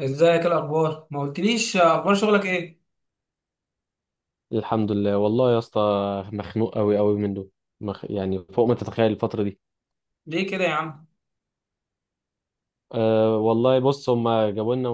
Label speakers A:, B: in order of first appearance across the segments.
A: ازيك؟ إيه الاخبار؟ ما قلتليش اخبار شغلك ايه.
B: الحمد لله والله يا اسطى، مخنوق قوي قوي منه. يعني فوق ما تتخيل الفترة دي.
A: ليه كده يا عم؟
B: أه، والله بص، هما جابوا لنا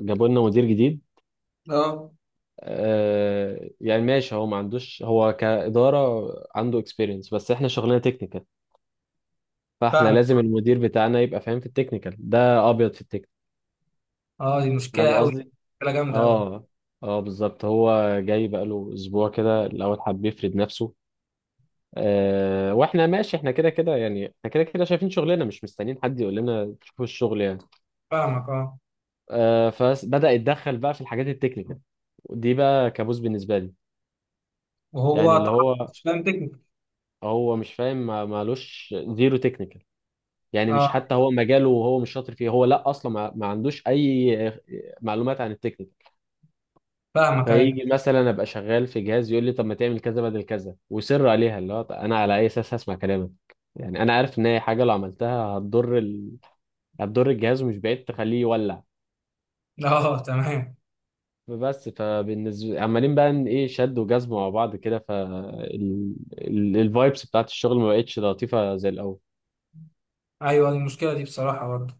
B: جابوا لنا مدير جديد.
A: اه،
B: أه يعني ماشي، هو ما عندوش، هو كإدارة عنده اكسبيرينس، بس احنا شغلنا تكنيكال. فاحنا
A: فاهمك.
B: لازم المدير بتاعنا يبقى فاهم في التكنيكال، ده ابيض في التكنيكال.
A: اه دي مشكله
B: فاهم
A: قوي.
B: قصدي.
A: مشكله جامده قوي.
B: اه اه بالظبط. هو جاي بقاله اسبوع كده، الاول حب يفرد نفسه. واحنا ماشي، احنا كده كده يعني، احنا كده كده شايفين شغلنا، مش مستنيين حد يقول لنا شوفوا الشغل يعني.
A: فاهمك اه.
B: فبدأ يتدخل بقى في الحاجات التكنيكال، ودي بقى كابوس بالنسبة لي. يعني
A: وهو
B: اللي
A: طبعا
B: هو
A: مش فاهم تكنيك.
B: هو مش فاهم، مالوش زيرو تكنيكال. يعني مش
A: اه
B: حتى هو مجاله وهو مش شاطر فيه. هو لا، اصلا ما عندوش اي معلومات عن التكنيكال.
A: فاهمك، ايوه.
B: فيجي مثلا ابقى شغال في جهاز، يقول لي طب ما تعمل كذا بدل كذا ويصر عليها. اللي هو طب انا على اي اساس هسمع كلامك؟ يعني انا عارف ان هي حاجه لو عملتها هتضر، هتضر الجهاز، ومش بعيد تخليه يولع.
A: اه تمام.
B: بس فبالنسبة عمالين بقى إن ايه، شد وجذب مع بعض كده، فالفايبس بتاعت الشغل ما بقتش لطيفة زي الأول.
A: ايوه دي المشكله دي بصراحه برضه.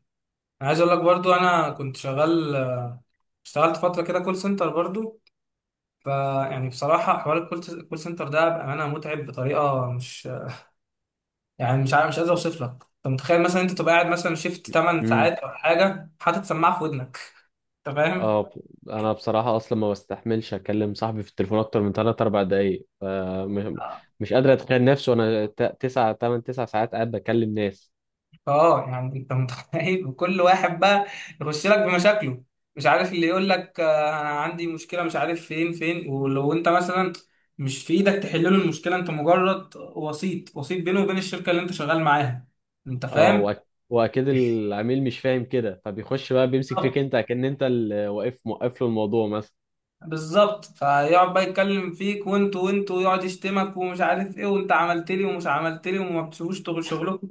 A: انا عايز اقول لك برضه، انا كنت شغال، اشتغلت فتره كده كول سنتر برضه. بصراحه حوار الكول سنتر ده بامانه متعب بطريقه مش، مش عارف، مش قادر اوصف لك. انت متخيل مثلا انت تبقى قاعد مثلا شيفت 8
B: امم.
A: ساعات او حاجه، حاطط سماعه في ودنك؟ انت فاهم؟
B: اه انا بصراحة اصلا ما بستحملش اكلم صاحبي في التليفون اكتر من 3 4 دقايق.
A: اه.
B: مش قادر اتخيل نفسي وانا 9 8 9 ساعات قاعد بكلم ناس.
A: يعني انت متخيل؟ وكل واحد بقى يخش لك بمشاكله، مش عارف، اللي يقول لك انا عندي مشكله مش عارف، فين، ولو انت مثلا مش في ايدك تحل له المشكله، انت مجرد وسيط بينه وبين الشركه اللي انت شغال معاها. انت
B: اه
A: فاهم؟
B: واكيد العميل مش فاهم كده، فبيخش بقى بيمسك
A: بالظبط.
B: فيك انت، كأن انت اللي واقف موقف له الموضوع مثلا.
A: بالظبط. فيقعد بقى يتكلم فيك، وانت، ويقعد يشتمك ومش عارف ايه، وانت عملت لي ومش عملت لي، وما بتسيبوش شغلكم.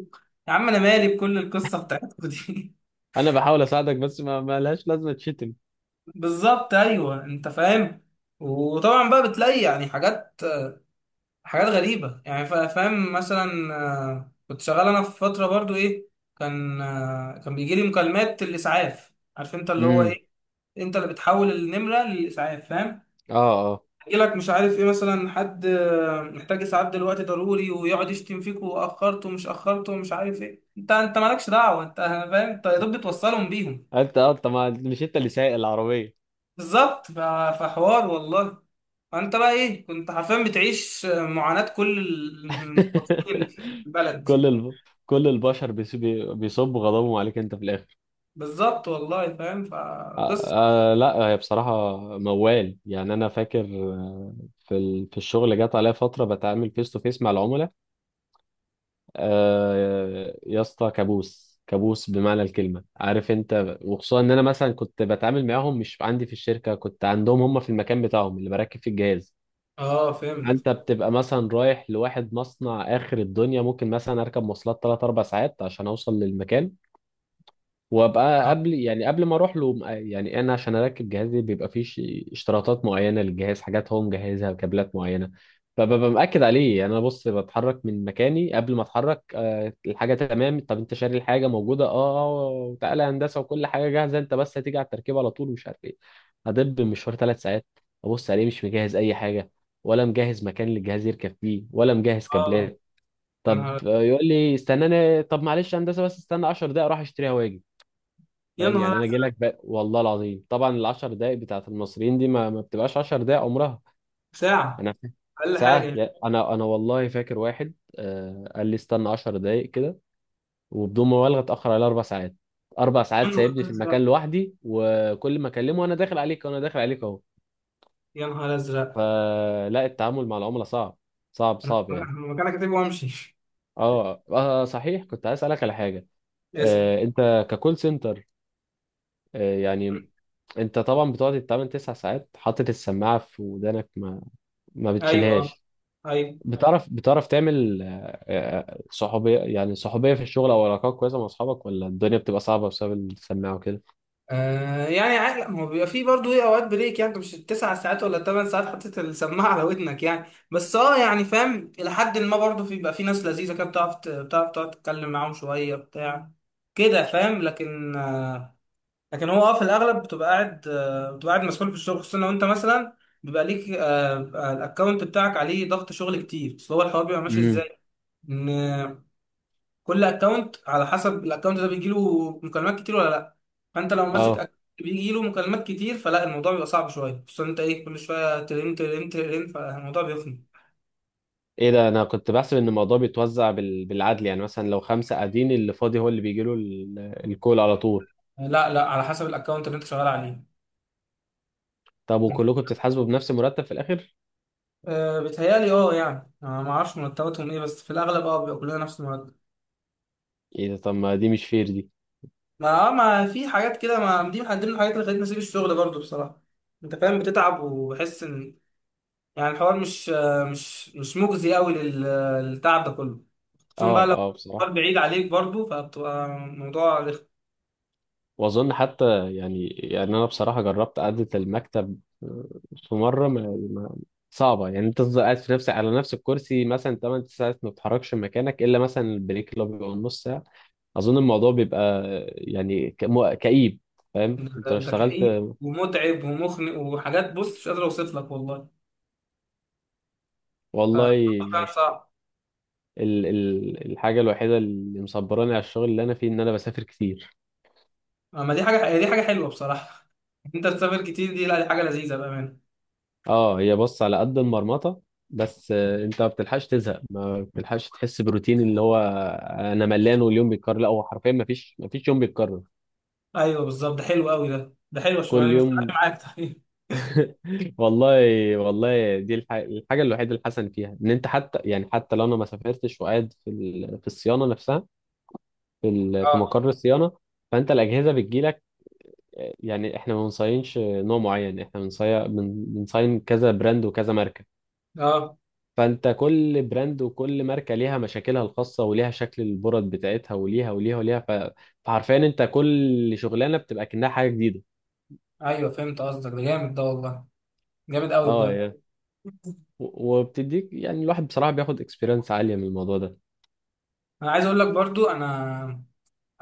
A: يا عم انا مالي بكل القصه بتاعتكم دي.
B: انا بحاول اساعدك، بس ما لهاش لازمة تشتم.
A: بالظبط، ايوه، انت فاهم. وطبعا بقى بتلاقي يعني حاجات، حاجات غريبه، يعني فاهم مثلا. كنت شغال انا في فتره برضو ايه، كان كان بيجي لي مكالمات الاسعاف، عارف انت اللي هو
B: امم
A: ايه، انت اللي بتحول النمره للاسعاف، فاهم.
B: اه اه.
A: يجي لك مش عارف ايه، مثلا حد محتاج اسعاف دلوقتي ضروري، ويقعد يشتم فيك واخرته ومش اخرته ومش عارف ايه، انت مالكش دعوه، انت فاهم، انت يا دوب بتوصلهم بيهم.
B: انت ما مش انت اللي سايق العربيه.
A: بالظبط. فحوار والله. فانت بقى ايه، كنت حرفيا بتعيش معاناة كل المواطنين اللي في البلد
B: كل
A: دي.
B: الب... كل البشر بيصبوا غضبهم عليك انت في الاخر.
A: بالظبط والله، فاهم فقصة.
B: آه آه، لا هي بصراحه موال. يعني انا فاكر، في الشغل جت عليا فتره بتعامل فيس تو فيس مع العملاء. آه يا اسطى، كابوس كابوس بمعنى الكلمه عارف انت. وخصوصا ان انا مثلا كنت بتعامل معاهم مش عندي في الشركه، كنت عندهم هم في المكان بتاعهم اللي بركب فيه الجهاز.
A: اه فهمت.
B: انت بتبقى مثلا رايح لواحد مصنع اخر الدنيا، ممكن مثلا اركب مواصلات 3 4 ساعات عشان اوصل للمكان. وابقى
A: اه.
B: قبل يعني، قبل ما اروح له، يعني انا عشان اركب جهازي بيبقى فيه اشتراطات معينه للجهاز، حاجات هو مجهزها، كابلات معينه. فببقى مأكد عليه، يعني انا بص، بتحرك من مكاني قبل ما اتحرك، الحاجه تمام؟ طب انت شاري الحاجه موجوده؟ اه. تعالى يا هندسه وكل حاجه جاهزه، انت بس هتيجي على التركيب على طول ومش عارف ايه. هدب مشوار 3 ساعات، ابص عليه مش مجهز اي حاجه، ولا مجهز مكان للجهاز يركب فيه، ولا مجهز
A: آه.
B: كابلات.
A: يا
B: طب
A: نهار،
B: يقول لي استناني. طب معلش يا هندسه بس استنى 10 دقايق، اروح اشتريها واجي.
A: يا
B: فاهم
A: نهار
B: يعني انا جاي
A: أزرق.
B: لك والله العظيم، طبعا العشر دقايق بتاعت المصريين دي ما بتبقاش 10 دقايق عمرها.
A: ساعة.
B: انا فا-
A: اقل
B: ساعه،
A: حاجة.
B: انا والله فاكر واحد، آه قال لي استنى 10 دقايق كده، وبدون مبالغه اتاخر على 4 ساعات. اربع
A: يا
B: ساعات
A: نهار
B: سايبني في المكان
A: ازرق.
B: لوحدي، وكل ما اكلمه انا داخل عليك وانا داخل عليك اهو.
A: يا نهار ازرق.
B: فلا، التعامل مع العملاء صعب، صعب صعب يعني.
A: مكانك كاتب وامشي.
B: اه, آه صحيح، كنت عايز اسالك على حاجه.
A: اسأل.
B: آه، انت ككول سنتر، آه يعني، انت طبعا بتقعد تتعامل 9 ساعات حاطط السماعه في ودانك، ما
A: ايوه.
B: بتشيلهاش.
A: ايوه.
B: بتعرف تعمل صحوبيه، يعني صحوبيه في الشغل او علاقات كويسه مع اصحابك، ولا الدنيا بتبقى صعبه بسبب السماعه وكده؟
A: آه يعني عادي، لا، ما هو بيبقى فيه برضه ايه اوقات بريك، يعني انت مش التسع ساعات ولا الثمان ساعات حطيت السماعه على ودنك يعني. بس اه، يعني فاهم الى حد ما برضه بيبقى في ناس لذيذه كده، بتعرف بتعرف تقعد تتكلم معاهم شويه بتاع كده، فاهم. لكن آه، لكن هو اه في الاغلب بتبقى قاعد آه، بتبقى قاعد مسؤول في الشغل، خصوصا لو انت مثلا بيبقى ليك الاكونت بتاعك عليه ضغط شغل كتير، اصل هو الحوار بيبقى ماشي
B: امم
A: ازاي. كل اكونت على حسب الاكونت ده بيجيله مكالمات كتير ولا لا. فانت لو ماسك
B: اه.
A: اكونت بيجيله مكالمات كتير، فلا الموضوع بيبقى صعب شويه، خصوصا انت ايه كل شويه ترن ترن ترن، فالموضوع بيخنق.
B: ايه ده؟ انا كنت بحسب ان الموضوع بيتوزع بالعدل. يعني مثلا لو خمسه قاعدين، اللي فاضي هو اللي بيجي له الكول على طول.
A: لا على حسب الاكونت اللي انت شغال عليه.
B: طب
A: م.
B: وكلكم بتتحاسبوا بنفس المرتب في الاخر؟
A: أه بيتهيألي اه، يعني أنا ما اعرفش مرتباتهم ايه، بس في الاغلب اه بيبقى كلنا نفس المرتب.
B: ايه ده؟ طب ما دي مش فير دي.
A: ما اه، ما في حاجات كده، ما دي من ضمن الحاجات اللي خلتني اسيب الشغل برضو بصراحه. انت فاهم، بتتعب وبحس ان، يعني الحوار مش مش مجزي قوي للتعب ده كله. خصوصا بقى
B: اه
A: لو
B: اه بصراحه.
A: الحوار بعيد عليك برضو، فبتبقى موضوع
B: واظن حتى يعني، يعني انا بصراحه جربت قعده المكتب، في مره ما- صعبه يعني. انت تفضل قاعد في نفسك على نفس الكرسي مثلا 8 ساعات ما بتتحركش من مكانك، الا مثلا البريك اللي هو بيبقى نص ساعه. اظن الموضوع بيبقى، يعني كئيب. فاهم؟ انت لو
A: ده
B: اشتغلت
A: كئيب ومتعب ومخنق وحاجات، بص مش قادر اوصف لك والله. ف-
B: والله.
A: فعلا صعب.
B: ال ال الحاجه الوحيده اللي مصبراني على الشغل اللي انا فيه ان انا بسافر كتير.
A: اما دي حاجه، هي دي حاجه حلوه بصراحه. انت تسافر كتير، دي لا دي حاجه لذيذه بامانه.
B: اه هي بص على قد المرمطه، بس انت ما بتلحقش تزهق، ما بتلحقش تحس بروتين اللي هو انا ملان واليوم بيتكرر. لا، هو حرفيا ما فيش، ما فيش يوم بيتكرر.
A: ايوه بالظبط، ده حلو قوي، ده حلوه
B: كل
A: الشغلانه، يعني مستحيل
B: يوم.
A: معاك تحقيق.
B: والله. والله دي الحاجه الوحيده الحسن فيها ان انت حتى يعني، حتى لو انا ما سافرتش وقاعد في في الصيانه نفسها، في في
A: اه
B: مقر الصيانه، فانت الاجهزه بتجيلك. يعني احنا ما بنصينش نوع معين، احنا بنصين بنصين كذا براند وكذا ماركه.
A: اه.
B: فانت كل براند وكل ماركه ليها مشاكلها الخاصه وليها شكل البرد بتاعتها، وليها وليها وليها. فحرفيا انت كل شغلانه بتبقى كأنها حاجه جديده.
A: ايوه فهمت قصدك، ده جامد ده والله، جامد قوي
B: اه
A: بجد.
B: يعني، وبتديك يعني، الواحد بصراحه بياخد اكسبيرينس عاليه من الموضوع ده.
A: انا عايز اقول لك برضو، انا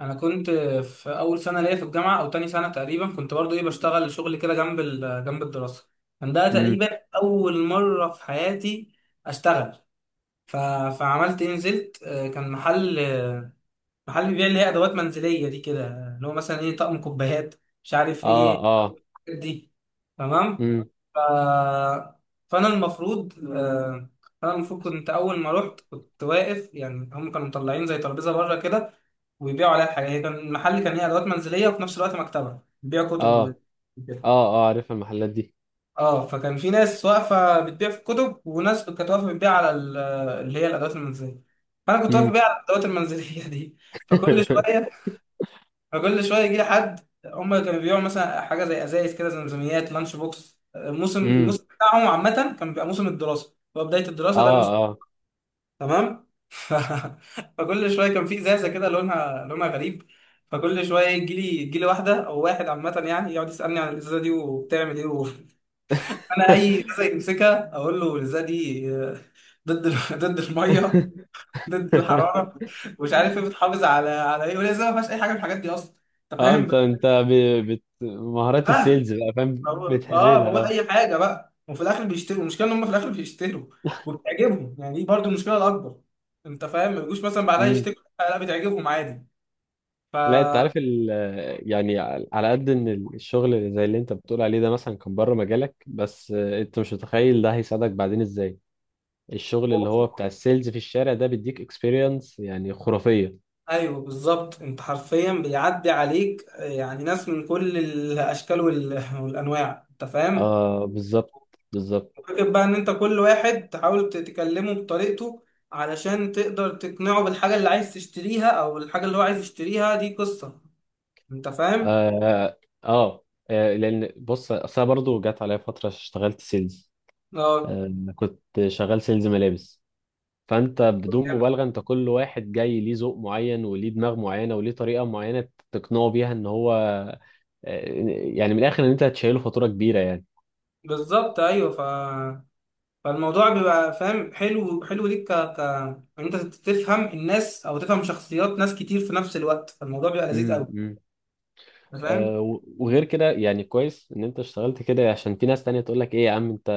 A: انا كنت في اول سنه ليا في الجامعه او تاني سنه تقريبا، كنت برضو ايه بشتغل شغل كده جنب جنب الدراسه. كان ده
B: امم.
A: تقريبا اول مره في حياتي اشتغل. ف... فعملت ايه، نزلت كان محل محل بيبيع اللي هي ادوات منزليه دي كده، اللي هو مثلا ايه طقم كوبايات، مش عارف
B: اه
A: ايه
B: اه.
A: دي. تمام.
B: امم.
A: ف... فانا المفروض انا المفروض كنت اول ما رحت، كنت واقف، يعني هم كانوا مطلعين زي ترابيزه بره كده ويبيعوا عليها حاجه، هي كان المحل كان هي ادوات منزليه وفي نفس الوقت مكتبه بيبيع كتب
B: اه
A: و-
B: اه
A: وكده.
B: اه عارف المحلات دي.
A: اه فكان في ناس واقفه بتبيع في الكتب، وناس كانت واقفه بتبيع على اللي هي الادوات المنزليه. فانا كنت واقف
B: امم.
A: ببيع على الادوات المنزليه دي. فكل شويه، فكل شويه يجي لي حد. هم كانوا بيبيعوا مثلا حاجه زي ازايز كده، زمزميات، لانش بوكس، الموسم
B: امم.
A: الموسم بتاعهم عامه كان بيبقى موسم الدراسه، هو بدايه الدراسه
B: اه
A: ده الموسم.
B: اه.
A: تمام. ف... فكل شويه كان في ازازه كده لونها غريب. فكل شويه يجي لي واحده او واحد عامه، يعني يقعد يسالني عن الازازه دي وبتعمل ايه و... انا اي ازازه يمسكها اقول له الازازه دي ضد ضد الميه، ضد الحراره، مش عارف ايه، بتحافظ على على ايه، والازازه ما فيهاش اي حاجه من الحاجات دي اصلا. انت
B: اه،
A: فاهم.
B: انت مهارات السيلز بقى فاهم،
A: بقول اه، بقول
B: بتحرلها.
A: اي حاجه بقى، وفي الاخر بيشتروا. المشكله ان هم في الاخر بيشتروا وبتعجبهم، يعني دي برضو المشكله الاكبر. انت فاهم، ما يجوش مثلا بعدها
B: اه
A: يشتكوا، لا، بتعجبهم عادي. ف،
B: لا، انت عارف يعني على قد ان الشغل اللي زي اللي انت بتقول عليه ده مثلا كان بره مجالك، بس انت مش متخيل ده هيساعدك بعدين ازاي. الشغل اللي هو
A: وبص-
B: بتاع السيلز في الشارع ده بيديك اكسبيرينس يعني خرافية.
A: ايوه بالظبط، انت حرفيا بيعدي عليك يعني ناس من كل الاشكال والانواع، انت فاهم.
B: اه بالظبط، بالظبط.
A: فكر بقى ان انت كل واحد تحاول تكلمه بطريقته علشان تقدر تقنعه بالحاجه اللي عايز تشتريها، او الحاجه اللي هو عايز يشتريها، دي قصه. انت فاهم.
B: اه, آه. لان بص، اصل أنا برضو جت عليا فترة اشتغلت سيلز.
A: اه
B: آه. كنت شغال سيلز ملابس. فانت بدون مبالغه، انت كل واحد جاي ليه ذوق معين وليه دماغ معينه وليه طريقه معينه تقنعه بيها ان هو، آه، يعني من الاخر ان انت هتشيله فاتوره كبيره يعني.
A: بالظبط، ايوه. ف... فالموضوع بيبقى فاهم حلو، حلو ليك ان انت تفهم الناس او تفهم شخصيات ناس كتير في نفس الوقت، فالموضوع بيبقى لذيذ قوي.
B: امم.
A: انت فاهم.
B: وغير كده يعني، كويس ان انت اشتغلت كده عشان في ناس تانية تقول لك ايه يا عم انت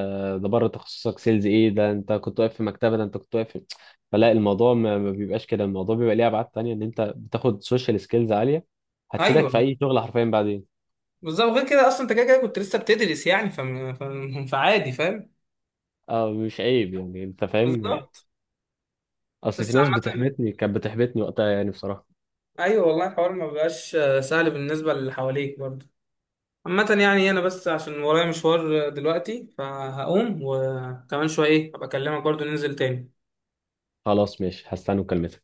B: ده بره تخصصك. سيلز ايه ده؟ انت كنت واقف في مكتبه. ده انت كنت واقف في... فلا الموضوع ما بيبقاش كده. الموضوع بيبقى ليه ابعاد تانية ان انت بتاخد سوشيال سكيلز عاليه هتفيدك في
A: ايوه
B: اي شغل حرفيا بعدين.
A: بالظبط، غير كده اصلا انت كده كده كنت لسه بتدرس يعني، فعادي، فاهم.
B: اه مش عيب يعني، انت فاهم.
A: بالظبط.
B: اصل في
A: بس
B: ناس
A: عامة،
B: بتحبطني، كانت بتحبطني وقتها يعني بصراحة.
A: ايوه والله الحوار ما بقاش سهل بالنسبة للي حواليك برضه. عامة يعني انا بس عشان ورايا مشوار دلوقتي فهقوم وكمان شوية، ايه هبقى اكلمك برضه، ننزل تاني.
B: خلاص ماشي، هستنى مكالمتك.